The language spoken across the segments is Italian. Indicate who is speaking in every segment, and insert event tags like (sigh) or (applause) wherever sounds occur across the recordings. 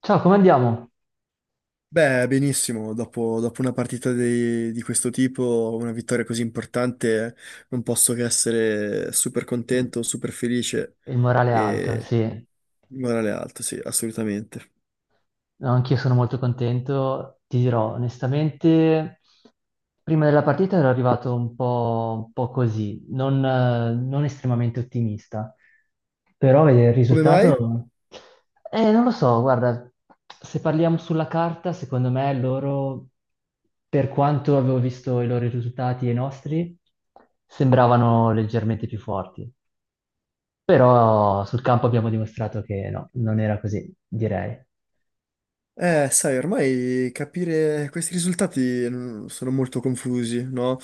Speaker 1: Ciao, come andiamo?
Speaker 2: Beh, benissimo, dopo una partita di questo tipo, una vittoria così importante, non posso che essere super
Speaker 1: Mm.
Speaker 2: contento, super felice
Speaker 1: Il morale è alto,
Speaker 2: e
Speaker 1: sì.
Speaker 2: morale alto, sì, assolutamente.
Speaker 1: No, anch'io sono molto contento. Ti dirò, onestamente, prima della partita ero arrivato un po' così, non, non estremamente ottimista. Però vedere il
Speaker 2: Come mai?
Speaker 1: risultato... Non lo so, guarda, se parliamo sulla carta, secondo me loro, per quanto avevo visto i loro risultati e i nostri, sembravano leggermente più forti. Però sul campo abbiamo dimostrato che no, non era così, direi.
Speaker 2: Sai, ormai capire questi risultati sono molto confusi, no?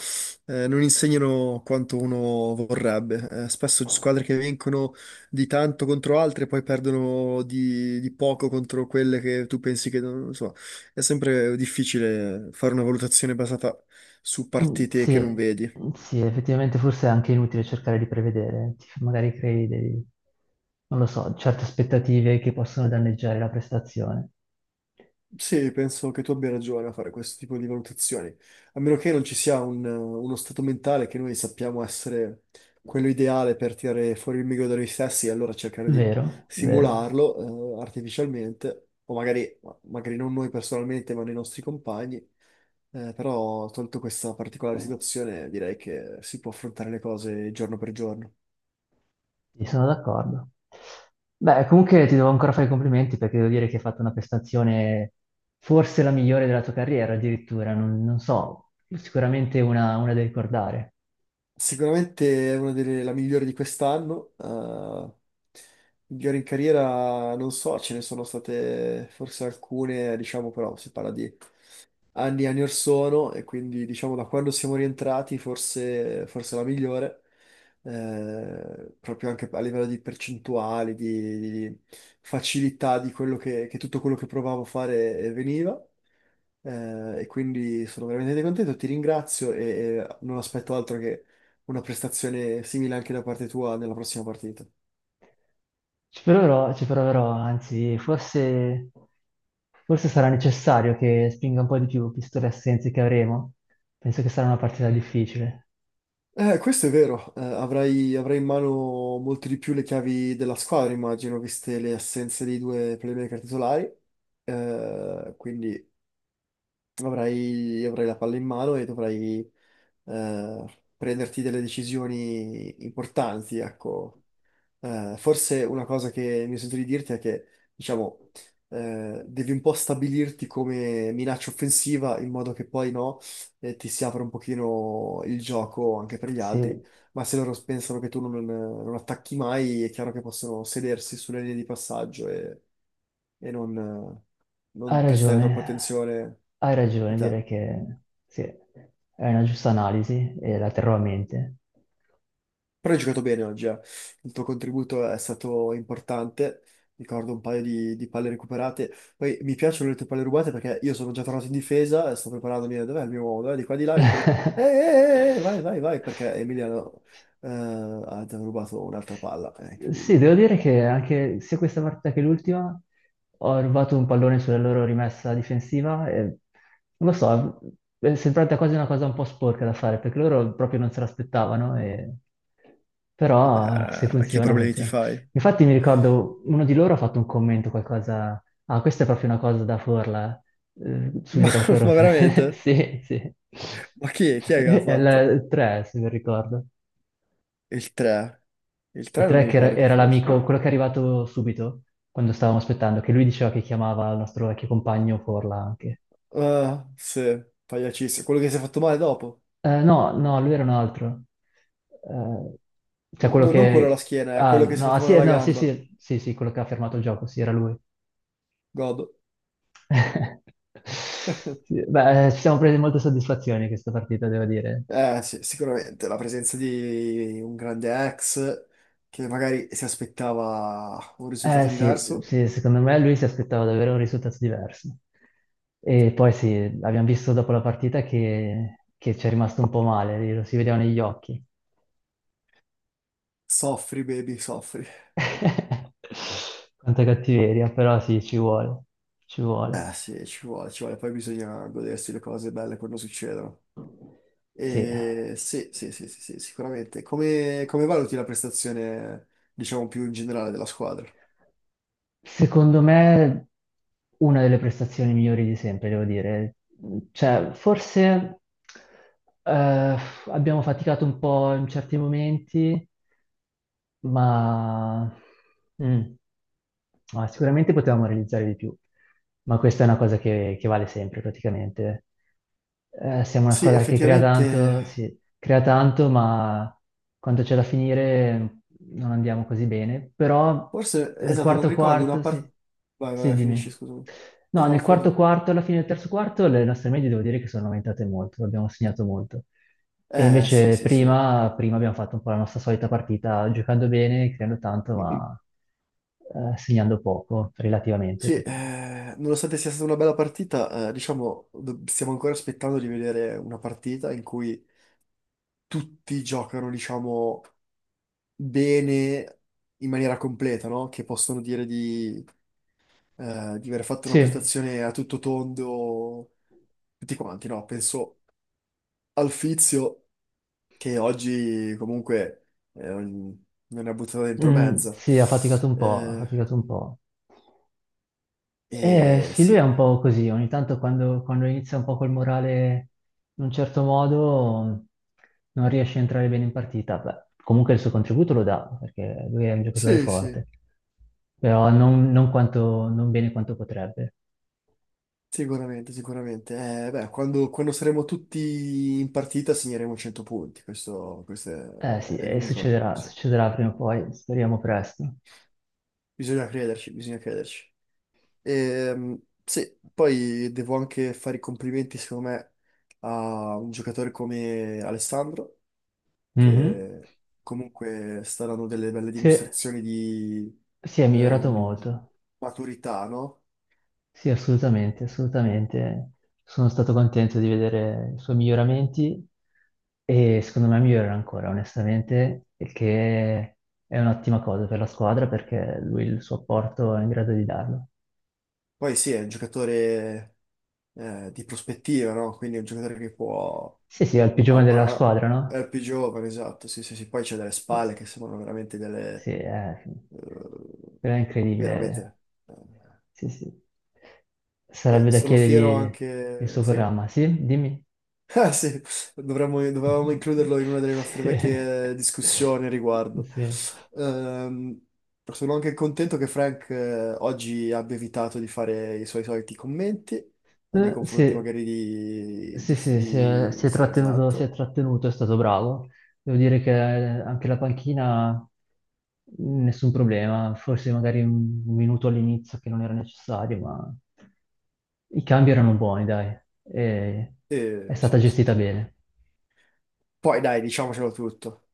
Speaker 2: Non insegnano quanto uno vorrebbe. Spesso squadre che vincono di tanto contro altre poi perdono di poco contro quelle che tu pensi che non so. È sempre difficile fare una valutazione basata su
Speaker 1: Mm.
Speaker 2: partite che non
Speaker 1: Sì,
Speaker 2: vedi.
Speaker 1: sì, effettivamente forse è anche inutile cercare di prevedere, magari crei dei, non lo so, certe aspettative che possono danneggiare la prestazione.
Speaker 2: Sì, penso che tu abbia ragione a fare questo tipo di valutazioni, a meno che non ci sia uno stato mentale che noi sappiamo essere quello ideale per tirare fuori il meglio da noi stessi e allora cercare di
Speaker 1: Vero, vero,
Speaker 2: simularlo, artificialmente, o magari non noi personalmente, ma nei nostri compagni. Però, tolto questa particolare situazione, direi che si può affrontare le cose giorno per giorno.
Speaker 1: sì, sono d'accordo. Beh, comunque ti devo ancora fare i complimenti perché devo dire che hai fatto una prestazione forse la migliore della tua carriera addirittura, non, non so, sicuramente una da ricordare.
Speaker 2: Sicuramente è una delle la migliore di quest'anno. Migliore in carriera, non so, ce ne sono state forse alcune, diciamo, però si parla di anni e anni or sono e quindi diciamo da quando siamo rientrati forse, la migliore, proprio anche a livello di percentuali, di facilità di quello che tutto quello che provavo a fare veniva. E quindi sono veramente contento, ti ringrazio e non aspetto altro che una prestazione simile anche da parte tua nella prossima partita.
Speaker 1: Ci proverò, anzi, forse, forse sarà necessario che spinga un po' di più, visto le assenze che avremo. Penso che sarà una partita difficile.
Speaker 2: Questo è vero, avrai in mano molto di più le chiavi della squadra, immagino, viste le assenze dei due playmaker titolari. Quindi avrai la palla in mano e dovrai prenderti delle decisioni importanti, ecco. Forse una cosa che mi sento di dirti è che, diciamo, devi un po' stabilirti come minaccia offensiva in modo che poi no, ti si apra un pochino il gioco anche per gli altri,
Speaker 1: Sì,
Speaker 2: ma se loro pensano che tu non attacchi mai, è chiaro che possono sedersi sulle linee di passaggio e non, eh,
Speaker 1: hai
Speaker 2: non prestare
Speaker 1: ragione,
Speaker 2: troppa attenzione
Speaker 1: hai
Speaker 2: a
Speaker 1: ragione,
Speaker 2: te.
Speaker 1: direi che sì, è una giusta analisi e la terrò a mente.
Speaker 2: Però hai giocato bene oggi, eh. Il tuo contributo è stato importante. Ricordo un paio di palle recuperate. Poi mi piacciono le tue palle rubate perché io sono già tornato in difesa e sto preparandomi. Dov'è il mio uomo? Dov'è? Di qua di là. E dicono:
Speaker 1: (laughs)
Speaker 2: vai, vai, vai. Perché Emiliano ha già rubato un'altra palla. È
Speaker 1: Sì,
Speaker 2: incredibile.
Speaker 1: devo dire che anche sia questa partita che l'ultima ho rubato un pallone sulla loro rimessa difensiva e non lo so, è sembrata quasi una cosa un po' sporca da fare perché loro proprio non se l'aspettavano, e- però se
Speaker 2: Vabbè, che
Speaker 1: funziona,
Speaker 2: problemi ti
Speaker 1: funziona.
Speaker 2: fai?
Speaker 1: Infatti mi ricordo uno di loro ha fatto un commento, qualcosa, ah, questa è proprio una cosa da Forla,
Speaker 2: (laughs) Ma,
Speaker 1: subito dopo Corona.
Speaker 2: ma
Speaker 1: (laughs)
Speaker 2: veramente?
Speaker 1: Sì, sì.
Speaker 2: Ma è chi
Speaker 1: (laughs)
Speaker 2: è che l'ha
Speaker 1: È
Speaker 2: fatto?
Speaker 1: il 3, se non ricordo.
Speaker 2: Il 3. Il
Speaker 1: Il
Speaker 2: 3 non mi
Speaker 1: track era,
Speaker 2: ricordo chi
Speaker 1: era
Speaker 2: fosse.
Speaker 1: l'amico, quello che è arrivato subito, quando stavamo aspettando, che lui diceva che chiamava il nostro vecchio compagno Forla anche.
Speaker 2: Ah, sì, pagliacissimo. Quello che si è fatto male dopo.
Speaker 1: No, no, lui era un altro. Eh, cioè
Speaker 2: No-
Speaker 1: quello
Speaker 2: no, non quello alla
Speaker 1: che...
Speaker 2: schiena, è
Speaker 1: Ah,
Speaker 2: quello che si è
Speaker 1: no, ah,
Speaker 2: fatto male
Speaker 1: sì,
Speaker 2: alla
Speaker 1: no, sì,
Speaker 2: gamba.
Speaker 1: sì, sì, sì, quello che ha fermato il gioco, sì, era lui.
Speaker 2: God.
Speaker 1: (laughs) Sì, beh, ci siamo presi molte soddisfazioni questa partita, devo dire.
Speaker 2: Eh sì, sicuramente la presenza di un grande ex che magari si aspettava un
Speaker 1: Eh
Speaker 2: risultato
Speaker 1: sì,
Speaker 2: diverso.
Speaker 1: sì, secondo me lui si aspettava davvero un risultato diverso. E poi sì, abbiamo visto dopo la partita che ci è rimasto un po' male, lo si vedeva negli occhi.
Speaker 2: Soffri, baby, soffri.
Speaker 1: (laughs) Quanta cattiveria, però sì, ci vuole, ci vuole.
Speaker 2: Eh sì, ci vuole, ci vuole. Poi bisogna godersi le cose belle quando succedono.
Speaker 1: Sì.
Speaker 2: E sì, sì, sì, sì, sì, sicuramente. Come valuti la prestazione, diciamo, più in generale della squadra?
Speaker 1: Secondo me una delle prestazioni migliori di sempre, devo dire. Cioè, forse eh, abbiamo faticato un po' in certi momenti, ma mm, ma sicuramente potevamo realizzare di più, ma questa è una cosa che vale sempre praticamente. Siamo una
Speaker 2: Sì,
Speaker 1: squadra che crea tanto,
Speaker 2: effettivamente.
Speaker 1: sì, crea tanto, ma quando c'è da finire non andiamo così bene. Però
Speaker 2: Forse,
Speaker 1: il
Speaker 2: esatto, non
Speaker 1: quarto
Speaker 2: ricordo una
Speaker 1: quarto, sì,
Speaker 2: parte. Vai, vai,
Speaker 1: sì,
Speaker 2: vai, finisci,
Speaker 1: dimmi.
Speaker 2: scusami.
Speaker 1: No,
Speaker 2: No, no,
Speaker 1: nel
Speaker 2: fai
Speaker 1: quarto
Speaker 2: tu.
Speaker 1: quarto, alla fine del terzo quarto, le nostre medie devo dire che sono aumentate molto, abbiamo segnato molto. E
Speaker 2: Sì,
Speaker 1: invece
Speaker 2: sì, sì.
Speaker 1: prima abbiamo fatto un po' la nostra solita partita, giocando bene, creando tanto, ma segnando poco, relativamente.
Speaker 2: Sì,
Speaker 1: Perché-
Speaker 2: eh, nonostante sia stata una bella partita, diciamo, stiamo ancora aspettando di vedere una partita in cui tutti giocano, diciamo, bene in maniera completa, no? Che possono dire di aver fatto una
Speaker 1: Sì,
Speaker 2: prestazione a tutto tondo, tutti quanti, no? Penso al Fizio, che oggi comunque me ne ha buttato dentro
Speaker 1: mm,
Speaker 2: mezza.
Speaker 1: sì, ha faticato un po', ha
Speaker 2: Eh,
Speaker 1: faticato un po'.
Speaker 2: e
Speaker 1: Sì, lui è
Speaker 2: sì,
Speaker 1: un po' così, ogni tanto quando, quando inizia un po' col morale in un certo modo non riesce a entrare bene in partita. Beh, comunque il suo contributo lo dà, perché lui è un giocatore
Speaker 2: sì, sì,
Speaker 1: forte, però non, non quanto- non bene quanto potrebbe.
Speaker 2: sicuramente, sicuramente. Beh, quando saremo tutti in partita segneremo 100 punti, questo
Speaker 1: Eh sì,
Speaker 2: è
Speaker 1: e
Speaker 2: l'unico.
Speaker 1: succederà,
Speaker 2: Sì.
Speaker 1: succederà prima o poi, speriamo presto.
Speaker 2: Bisogna crederci, bisogna crederci. Sì, poi devo anche fare i complimenti, secondo me, a un giocatore come Alessandro
Speaker 1: Mhm.
Speaker 2: che comunque saranno delle belle
Speaker 1: Sì,
Speaker 2: dimostrazioni di
Speaker 1: si è migliorato
Speaker 2: ehm,
Speaker 1: molto.
Speaker 2: maturità, no?
Speaker 1: Sì, assolutamente, assolutamente. Sono stato contento di vedere i suoi miglioramenti e secondo me migliorerà ancora, onestamente, il che è un'ottima cosa per la squadra perché lui il suo apporto è in grado di darlo.
Speaker 2: Poi sì, è un giocatore di prospettiva, no? Quindi è un giocatore che può.
Speaker 1: Sì, sì, è il più giovane
Speaker 2: ha-
Speaker 1: della
Speaker 2: ha- ha-
Speaker 1: squadra, no?
Speaker 2: è più giovane, esatto, sì, sì, sì. Poi c'è delle spalle che sembrano veramente
Speaker 1: Sì,
Speaker 2: delle...
Speaker 1: è,
Speaker 2: eh,
Speaker 1: però è incredibile.
Speaker 2: veramente... eh.
Speaker 1: Sì, sì.
Speaker 2: Poi
Speaker 1: Sarebbe da
Speaker 2: sono fiero
Speaker 1: chiedergli il
Speaker 2: anche.
Speaker 1: suo
Speaker 2: Sì?
Speaker 1: programma, sì? Dimmi.
Speaker 2: Ah sì, dovevamo
Speaker 1: (laughs)
Speaker 2: includerlo in una delle nostre
Speaker 1: Sì.
Speaker 2: vecchie discussioni a riguardo.
Speaker 1: Sì.
Speaker 2: Ehm, sono anche contento che Frank oggi abbia evitato di fare i suoi soliti commenti nei confronti
Speaker 1: Sì,
Speaker 2: magari di...
Speaker 1: sì,
Speaker 2: di-
Speaker 1: sì, si è,
Speaker 2: di-
Speaker 1: si è
Speaker 2: Sì,
Speaker 1: trattenuto, si è
Speaker 2: esatto.
Speaker 1: trattenuto, è stato bravo. Devo dire che anche la panchina, nessun problema, forse magari un minuto all'inizio che non era necessario, ma i cambi erano buoni, dai, e è
Speaker 2: E,
Speaker 1: stata
Speaker 2: sì, sì,
Speaker 1: gestita
Speaker 2: sì.
Speaker 1: bene.
Speaker 2: Poi dai, diciamocelo tutto.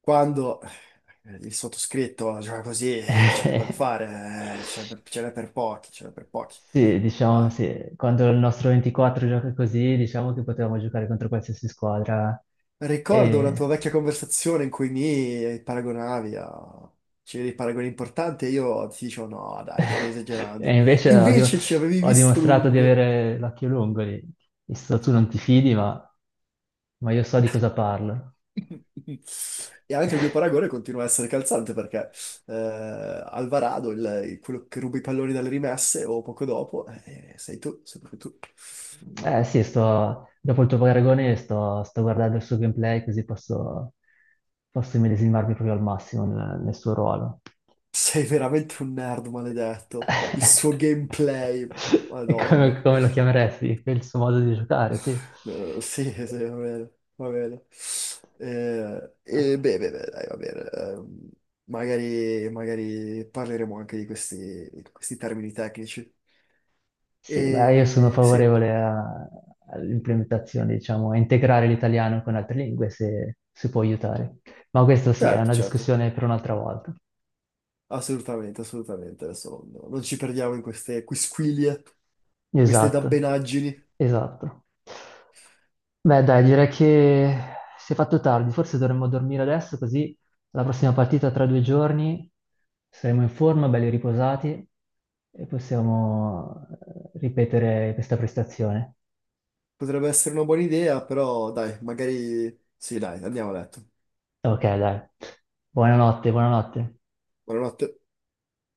Speaker 2: Quando il sottoscritto gioca così, c'è poco da
Speaker 1: (laughs)
Speaker 2: fare, ce n'è per pochi, ce n'è per pochi.
Speaker 1: Sì, diciamo
Speaker 2: Ah,
Speaker 1: sì, quando il nostro 24 gioca così, diciamo che potevamo giocare contro qualsiasi squadra
Speaker 2: ricordo una tua
Speaker 1: e
Speaker 2: vecchia conversazione in cui mi paragonavi a. C'erano dei paragoni importanti e io ti dicevo no, dai, stai
Speaker 1: (laughs) E
Speaker 2: esagerando. E
Speaker 1: invece ho,
Speaker 2: invece ci avevi
Speaker 1: ho
Speaker 2: visto
Speaker 1: dimostrato di
Speaker 2: lungo.
Speaker 1: avere l'occhio lungo lì. Visto, tu non ti fidi, ma io so di cosa parlo.
Speaker 2: (laughs) E anche il mio paragone
Speaker 1: (laughs)
Speaker 2: continua a essere calzante perché Alvarado, quello che ruba i palloni dalle rimesse o poco dopo, sei tu, sei proprio tu.
Speaker 1: Eh sì, sto, dopo il tuo paragone sto, sto guardando il suo gameplay così posso, posso immedesimarmi proprio al massimo nel, nel suo ruolo.
Speaker 2: Sei veramente un nerd maledetto. Il suo
Speaker 1: (laughs)
Speaker 2: gameplay,
Speaker 1: E come,
Speaker 2: madonna.
Speaker 1: come lo chiameresti? È Il suo modo di giocare, sì.
Speaker 2: Sì, (laughs) sì, va bene, va bene. E beh, beh, beh, dai, va bene. Magari parleremo anche di questi, termini tecnici.
Speaker 1: Sì, beh, io sono
Speaker 2: E sì,
Speaker 1: favorevole a- all'implementazione, diciamo, a integrare l'italiano con altre lingue se si può aiutare. Ma questo sì, è
Speaker 2: certo,
Speaker 1: una
Speaker 2: certo,
Speaker 1: discussione per un'altra volta.
Speaker 2: assolutamente, assolutamente. Adesso non ci perdiamo in queste quisquilie, queste
Speaker 1: Esatto,
Speaker 2: dabbenaggini.
Speaker 1: esatto. Beh, dai, direi che si è fatto tardi, forse dovremmo dormire adesso, così la prossima partita tra 2 giorni saremo in forma, belli riposati e possiamo ripetere questa prestazione.
Speaker 2: Potrebbe essere una buona idea, però dai, magari. Sì, dai, andiamo a letto.
Speaker 1: Ok, dai. Buonanotte, buonanotte.
Speaker 2: Buonanotte.